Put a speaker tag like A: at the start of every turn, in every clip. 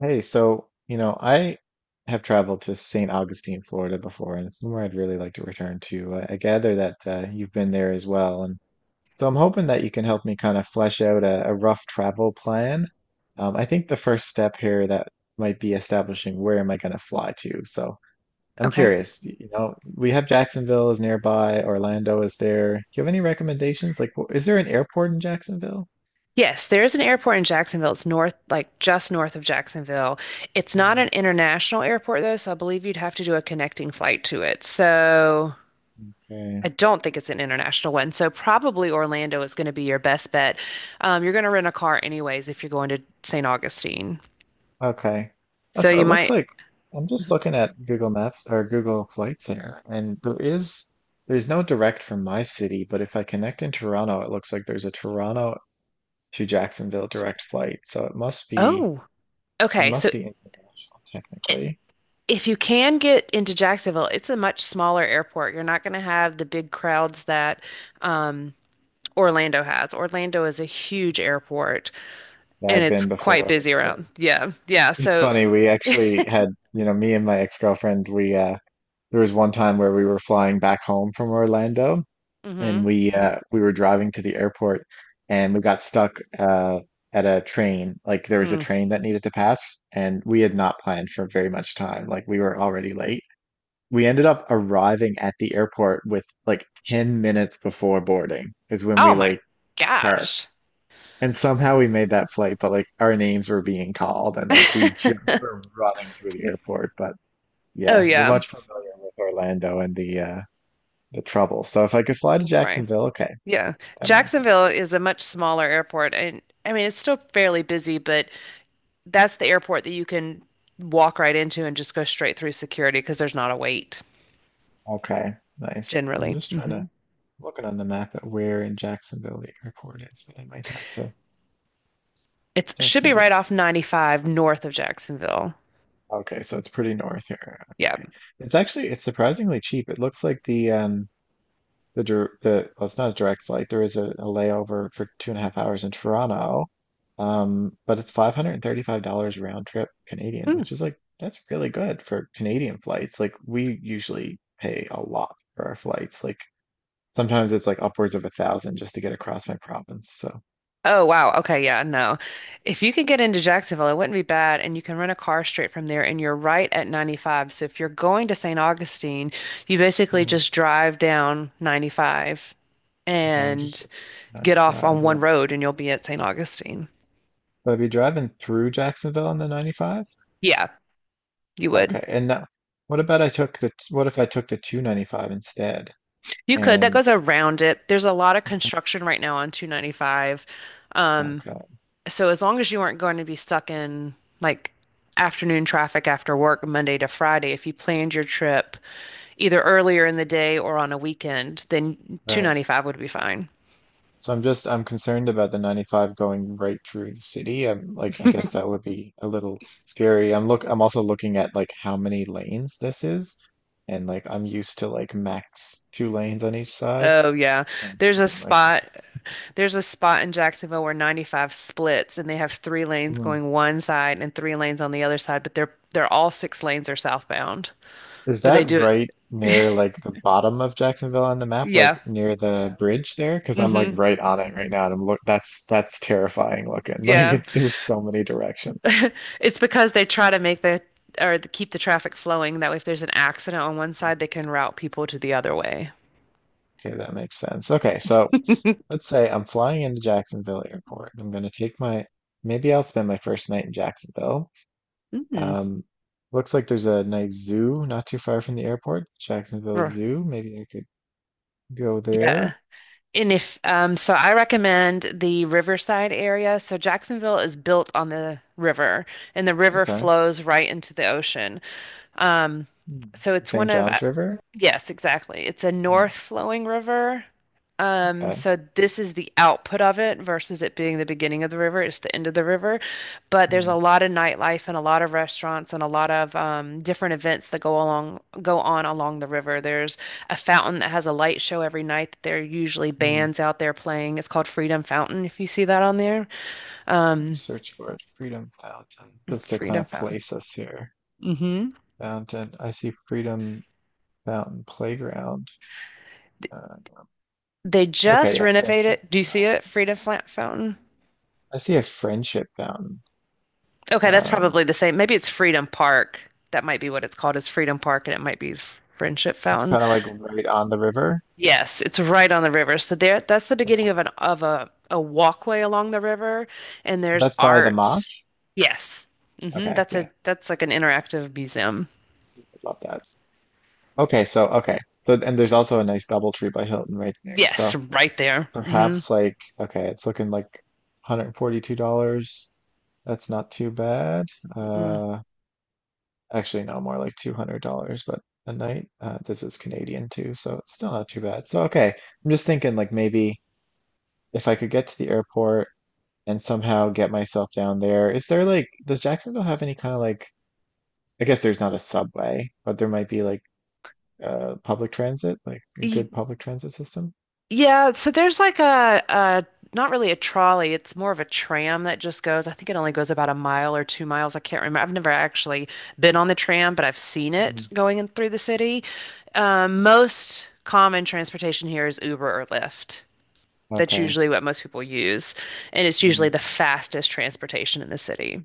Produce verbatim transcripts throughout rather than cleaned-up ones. A: Hey, so, you know, I have traveled to Saint Augustine, Florida before, and it's somewhere I'd really like to return to. I, I gather that uh, you've been there as well. And so I'm hoping that you can help me kind of flesh out a, a rough travel plan. Um, I think the first step here that might be establishing where am I going to fly to. So I'm
B: Okay.
A: curious, y- you know, we have Jacksonville is nearby, Orlando is there. Do you have any recommendations? Like, wh- is there an airport in Jacksonville?
B: Yes, there is an airport in Jacksonville. It's north, like just north of Jacksonville. It's not
A: Hmm.
B: an international airport though, so I believe you'd have to do a connecting flight to it. So
A: Okay.
B: I don't think it's an international one. So probably Orlando is going to be your best bet. Um, you're going to rent a car anyways if you're going to Saint Augustine.
A: Okay. Uh,
B: So
A: So
B: you
A: it looks
B: might,
A: like I'm just looking at Google Maps or Google Flights here, and there is there's no direct from my city, but if I connect in Toronto, it looks like there's a Toronto to Jacksonville direct flight. So it must be
B: oh,
A: it
B: okay.
A: must
B: So
A: be international
B: i-
A: technically.
B: if you can get into Jacksonville, it's a much smaller airport. You're not going to have the big crowds that um, Orlando has. Orlando is a huge airport
A: Yeah,
B: and
A: I've
B: it's
A: been
B: quite
A: before.
B: busy
A: It's uh,
B: around. Yeah. Yeah.
A: it's
B: So.
A: funny. We actually had, you know, me and my ex-girlfriend, we uh there was one time where we were flying back home from Orlando,
B: Hmm.
A: and we uh we were driving to the airport, and we got stuck uh at a train. Like, there was a
B: Mm.
A: train that needed to pass, and we had not planned for very much time. Like, we were already late. We ended up arriving at the airport with like ten minutes before boarding is when
B: Oh
A: we
B: my
A: like
B: gosh.
A: parked, and somehow we made that flight. But like our names were being called, and like we ju- we were running through the airport. But
B: Oh
A: yeah, we're
B: yeah.
A: much familiar with Orlando and the uh the trouble. So if I could fly to
B: Right.
A: Jacksonville, okay,
B: Yeah.
A: that might be.
B: Jacksonville is a much smaller airport, and I mean it's still fairly busy, but that's the airport that you can walk right into and just go straight through security because there's not a wait
A: Okay, nice. I'm
B: generally.
A: just trying to looking on the map at where in Jacksonville the airport is, and I might have to
B: It should be right
A: Jacksonville.
B: off ninety-five north of Jacksonville.
A: Okay, so it's pretty north here.
B: Yeah.
A: Okay, it's actually it's surprisingly cheap. It looks like the um the dir- the well, it's not a direct flight. There is a, a layover for two and a half hours in Toronto, um, but it's five hundred and thirty-five dollars round trip Canadian, which is like that's really good for Canadian flights. Like, we usually pay a lot for our flights. Like, sometimes it's like upwards of a thousand just to get across my province. So
B: Oh, wow. Okay. Yeah. No. If you could get into Jacksonville, it wouldn't be bad. And you can rent a car straight from there, and you're right at ninety-five. So if you're going to Saint Augustine, you basically
A: hmm,
B: just drive down ninety-five
A: okay, I'm just
B: and
A: looking at
B: get off
A: ninety-five.
B: on
A: Yeah.
B: one road, and you'll be at Saint Augustine.
A: But I'd be driving through Jacksonville on the ninety-five,
B: Yeah, you would.
A: okay. And now, what about I took the? What if I took the two ninety-five instead?
B: You could. That
A: And
B: goes around it. There's a lot of construction right now on two ninety-five. Um,
A: okay,
B: so as long as you aren't going to be stuck in like afternoon traffic after work Monday to Friday, if you planned your trip, either earlier in the day or on a weekend, then
A: right.
B: two ninety-five would be fine.
A: So I'm just I'm concerned about the ninety-five going right through the city. I'm like, I guess that would be a little scary. I'm look I'm also looking at like how many lanes this is, and like I'm used to like max two lanes on each side.
B: Oh yeah.
A: Uh,
B: There's a
A: something like this.
B: spot there's a spot in Jacksonville where ninety-five splits and they have three lanes
A: Hmm.
B: going one side and three lanes on the other side, but they're they're all six lanes are southbound.
A: Is
B: But they
A: that
B: do it.
A: right near like the bottom of Jacksonville on the map, like
B: Yeah.
A: near the bridge there? Because I'm like
B: Hmm.
A: right on it right now, and I'm look. That's that's terrifying looking. Like,
B: Yeah.
A: it's there's so many directions.
B: It's because they try to make the or to keep the traffic flowing. That way if there's an accident on one side, they can route people to the other way.
A: Okay, that makes sense. Okay, so let's say I'm flying into Jacksonville Airport. I'm gonna take my maybe I'll spend my first night in Jacksonville.
B: Mm.
A: Um, looks like there's a nice zoo not too far from the airport, Jacksonville Zoo. Maybe I could go
B: Yeah.
A: there.
B: And if um, so, I recommend the Riverside area. So Jacksonville is built on the river, and the river
A: Okay.
B: flows right into the ocean. Um,
A: Hmm.
B: so it's
A: Saint
B: one of, uh,
A: John's River.
B: yes, exactly. It's a
A: Hmm.
B: north flowing river. Um,
A: Okay.
B: so this is the output of it versus it being the beginning of the river. It's the end of the river. But there's
A: Mm,
B: a lot of nightlife and a lot of restaurants and a lot of um, different events that go along go on along the river. There's a fountain that has a light show every night. There are usually
A: mm.
B: bands out there playing. It's called Freedom Fountain, if you see that on there. Um,
A: Search for it. Freedom Fountain. Just to kind
B: Freedom
A: of
B: Fountain.
A: place us here.
B: Hmm.
A: Fountain. I see Freedom Fountain Playground. Uh,
B: They
A: okay,
B: just
A: yeah, friendship.
B: renovated. Do you see
A: Uh,
B: it? Freedom Fla- Fountain.
A: I see a friendship fountain.
B: Okay, that's
A: Um,
B: probably the same. Maybe it's Freedom Park. That might be what it's called, is Freedom Park, and it might be Friendship
A: it's
B: Fountain.
A: kind of like right on the river.
B: Yes, it's right on the river. So there, that's the beginning of an of a a walkway along the river, and there's
A: That's by the
B: art.
A: Mosh.
B: Yes. hmm
A: Okay,
B: That's
A: yeah,
B: a that's like an interactive museum.
A: I love that. Okay, so okay, so and there's also a nice double tree by Hilton right there.
B: Yes,
A: So
B: right there. Mm-hmm.
A: perhaps like okay, it's looking like one hundred forty-two dollars. That's not too bad.
B: Mm.
A: Uh, actually, no, more like two hundred dollars, but a night, uh, this is Canadian too, so it's still not too bad. So okay, I'm just thinking like maybe if I could get to the airport and somehow get myself down there. Is there like, does Jacksonville have any kind of, like, I guess there's not a subway, but there might be like uh public transit, like a good public transit system?
B: Yeah, so there's like a, a not really a trolley, it's more of a tram that just goes. I think it only goes about a mile or two miles. I can't remember. I've never actually been on the tram, but I've seen it
A: Mm.
B: going in through the city. Um, most common transportation here is Uber or Lyft. That's
A: Okay.
B: usually what most people use, and it's
A: Hmm.
B: usually the fastest transportation in the city,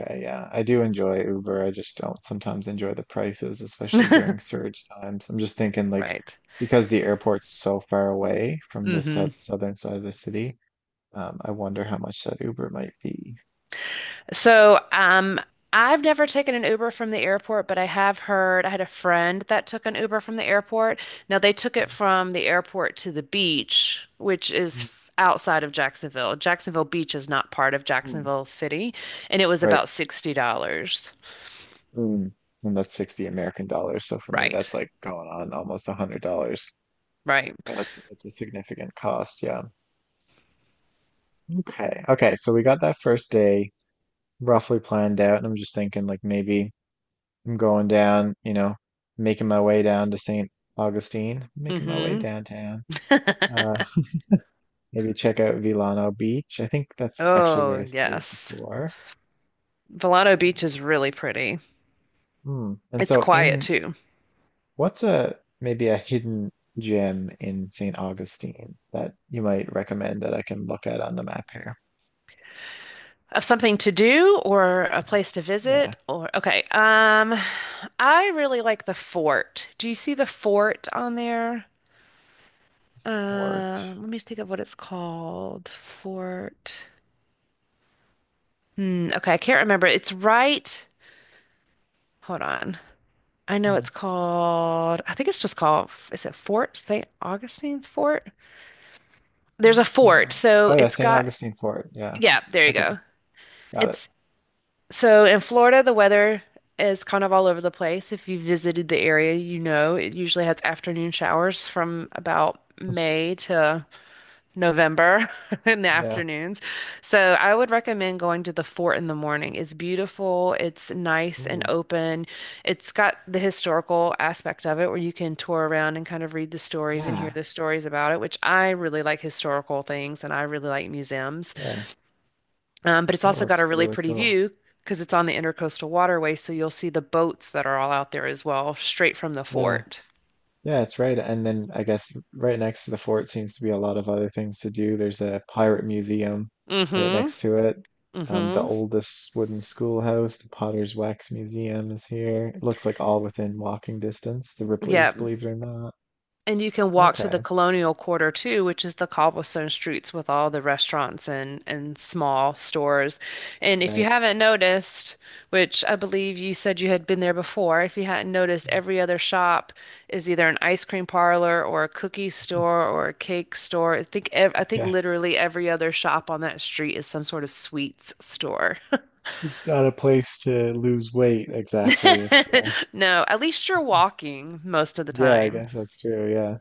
A: Okay, yeah, I do enjoy Uber. I just don't sometimes enjoy the prices, especially during surge times. I'm just thinking like,
B: right?
A: because the airport's so far away from the
B: Hmm.
A: set southern side of the city, um, I wonder how much that Uber might be.
B: So, um, I've never taken an Uber from the airport, but I have heard I had a friend that took an Uber from the airport. Now, they took it from the airport to the beach, which is
A: Mm,
B: f- outside of Jacksonville. Jacksonville Beach is not part of
A: mm.
B: Jacksonville City, and it was
A: Right.
B: about sixty dollars.
A: Mm. And that's sixty American dollars. So for me, that's
B: Right,
A: like going on almost one hundred dollars.
B: right.
A: That's, that's a significant cost. Yeah. Okay. Okay. So we got that first day roughly planned out. And I'm just thinking like, maybe. I'm going down, you know, making my way down to Saint Augustine, making my way
B: Mm-hmm.
A: downtown. Uh, maybe check out Vilano Beach. I think that's actually where I
B: Oh,
A: stayed
B: yes.
A: before.
B: Volcano Beach is really pretty.
A: Hmm. And
B: It's
A: so,
B: quiet
A: in
B: too.
A: what's a maybe a hidden gem in Saint Augustine that you might recommend that I can look at on the map here?
B: Of something to do or a place to
A: Yeah,
B: visit, or okay. Um, I really like the fort. Do you see the fort on there?
A: Fort.
B: Uh, let me think of what it's called. Fort. Hmm, okay, I can't remember. It's right. Hold on. I know
A: Hmm,
B: it's called. I think it's just called. Is it Fort Saint Augustine's Fort? There's
A: hmm.
B: a
A: St.
B: fort,
A: Au- Oh
B: so
A: yeah,
B: it's
A: Saint
B: got.
A: Augustine Fort. Yeah.
B: Yeah, there you
A: Okay,
B: go.
A: got it.
B: It's So in Florida, the weather is kind of all over the place. If you visited the area, you know it usually has afternoon showers from about May to November in the
A: Yeah.
B: afternoons. So I would recommend going to the fort in the morning. It's beautiful, it's nice and
A: Ooh.
B: open. It's got the historical aspect of it where you can tour around and kind of read the stories and hear
A: Yeah.
B: the stories about it, which I really like historical things and I really like museums.
A: Yeah.
B: Um, but it's
A: That
B: also got a
A: looks
B: really
A: really
B: pretty
A: cool.
B: view because it's on the Intercoastal Waterway, so you'll see the boats that are all out there as well, straight from the
A: Yeah,
B: fort.
A: yeah, it's right. And then I guess right next to the fort seems to be a lot of other things to do. There's a pirate museum right
B: Mm-hmm.
A: next to it. Um, the
B: Mm-hmm.
A: oldest wooden schoolhouse, the Potter's Wax Museum is here. It looks like all within walking distance, the Ripley's,
B: Yeah.
A: believe it or not.
B: And you can walk to the
A: Okay,
B: Colonial Quarter too, which is the cobblestone streets with all the restaurants and, and small stores. And if you
A: right.
B: haven't noticed, which I believe you said you had been there before, if you hadn't noticed, every other shop is either an ice cream parlor or a cookie store or a cake store. I think ev I think
A: Yeah,
B: literally every other shop on that street is some sort of sweets store.
A: it's not a place to lose weight exactly. It's uh,
B: No, at least you're walking most of the
A: yeah, I
B: time.
A: guess that's true. Yeah.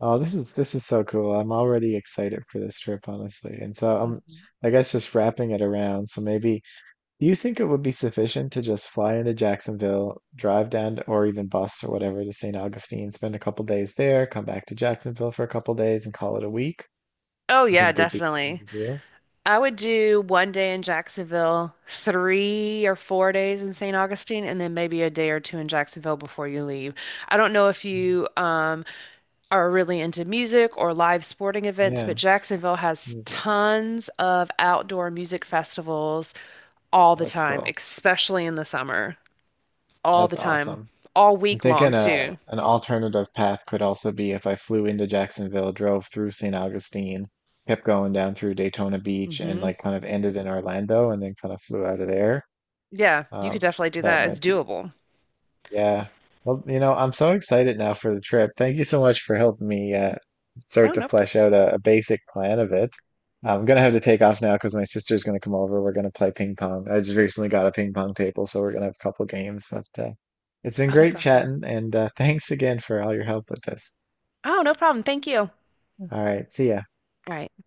A: Oh, this is this is so cool. I'm already excited for this trip, honestly. And so I'm,
B: Mhm.
A: I guess just wrapping it around. So maybe, do you think it would be sufficient to just fly into Jacksonville, drive down to, or even bus or whatever, to Saint Augustine, spend a couple days there, come back to Jacksonville for a couple days, and call it a week?
B: Oh
A: You
B: yeah,
A: think there'd be plenty
B: definitely.
A: to do?
B: I would do one day in Jacksonville, three or four days in Saint Augustine, and then maybe a day or two in Jacksonville before you leave. I don't know if
A: Mm.
B: you um, are really into music or live sporting events,
A: Yeah,
B: but Jacksonville has
A: music.
B: tons of outdoor music festivals all the
A: That's
B: time,
A: cool.
B: especially in the summer, all
A: That's
B: the time,
A: awesome.
B: all
A: I'm
B: week long
A: thinking a
B: too.
A: an alternative path could also be if I flew into Jacksonville, drove through Saint Augustine, kept going down through Daytona Beach, and
B: Hmm.
A: like kind of ended in Orlando, and then kind of flew out of there.
B: Yeah, you could
A: Um,
B: definitely do
A: that
B: that. It's
A: might be,
B: doable.
A: yeah. Well, you know, I'm so excited now for the trip. Thank you so much for helping me uh,
B: Oh,
A: start to
B: nope.
A: flesh out a, a basic plan of it. I'm gonna have to take off now because my sister's gonna come over. We're gonna play ping pong. I just recently got a ping pong table, so we're gonna have a couple games. But uh, it's been
B: Oh, that's
A: great
B: awesome.
A: chatting, and uh, thanks again for all your help with this.
B: Oh, no problem. Thank you. All
A: All right, see ya.
B: right.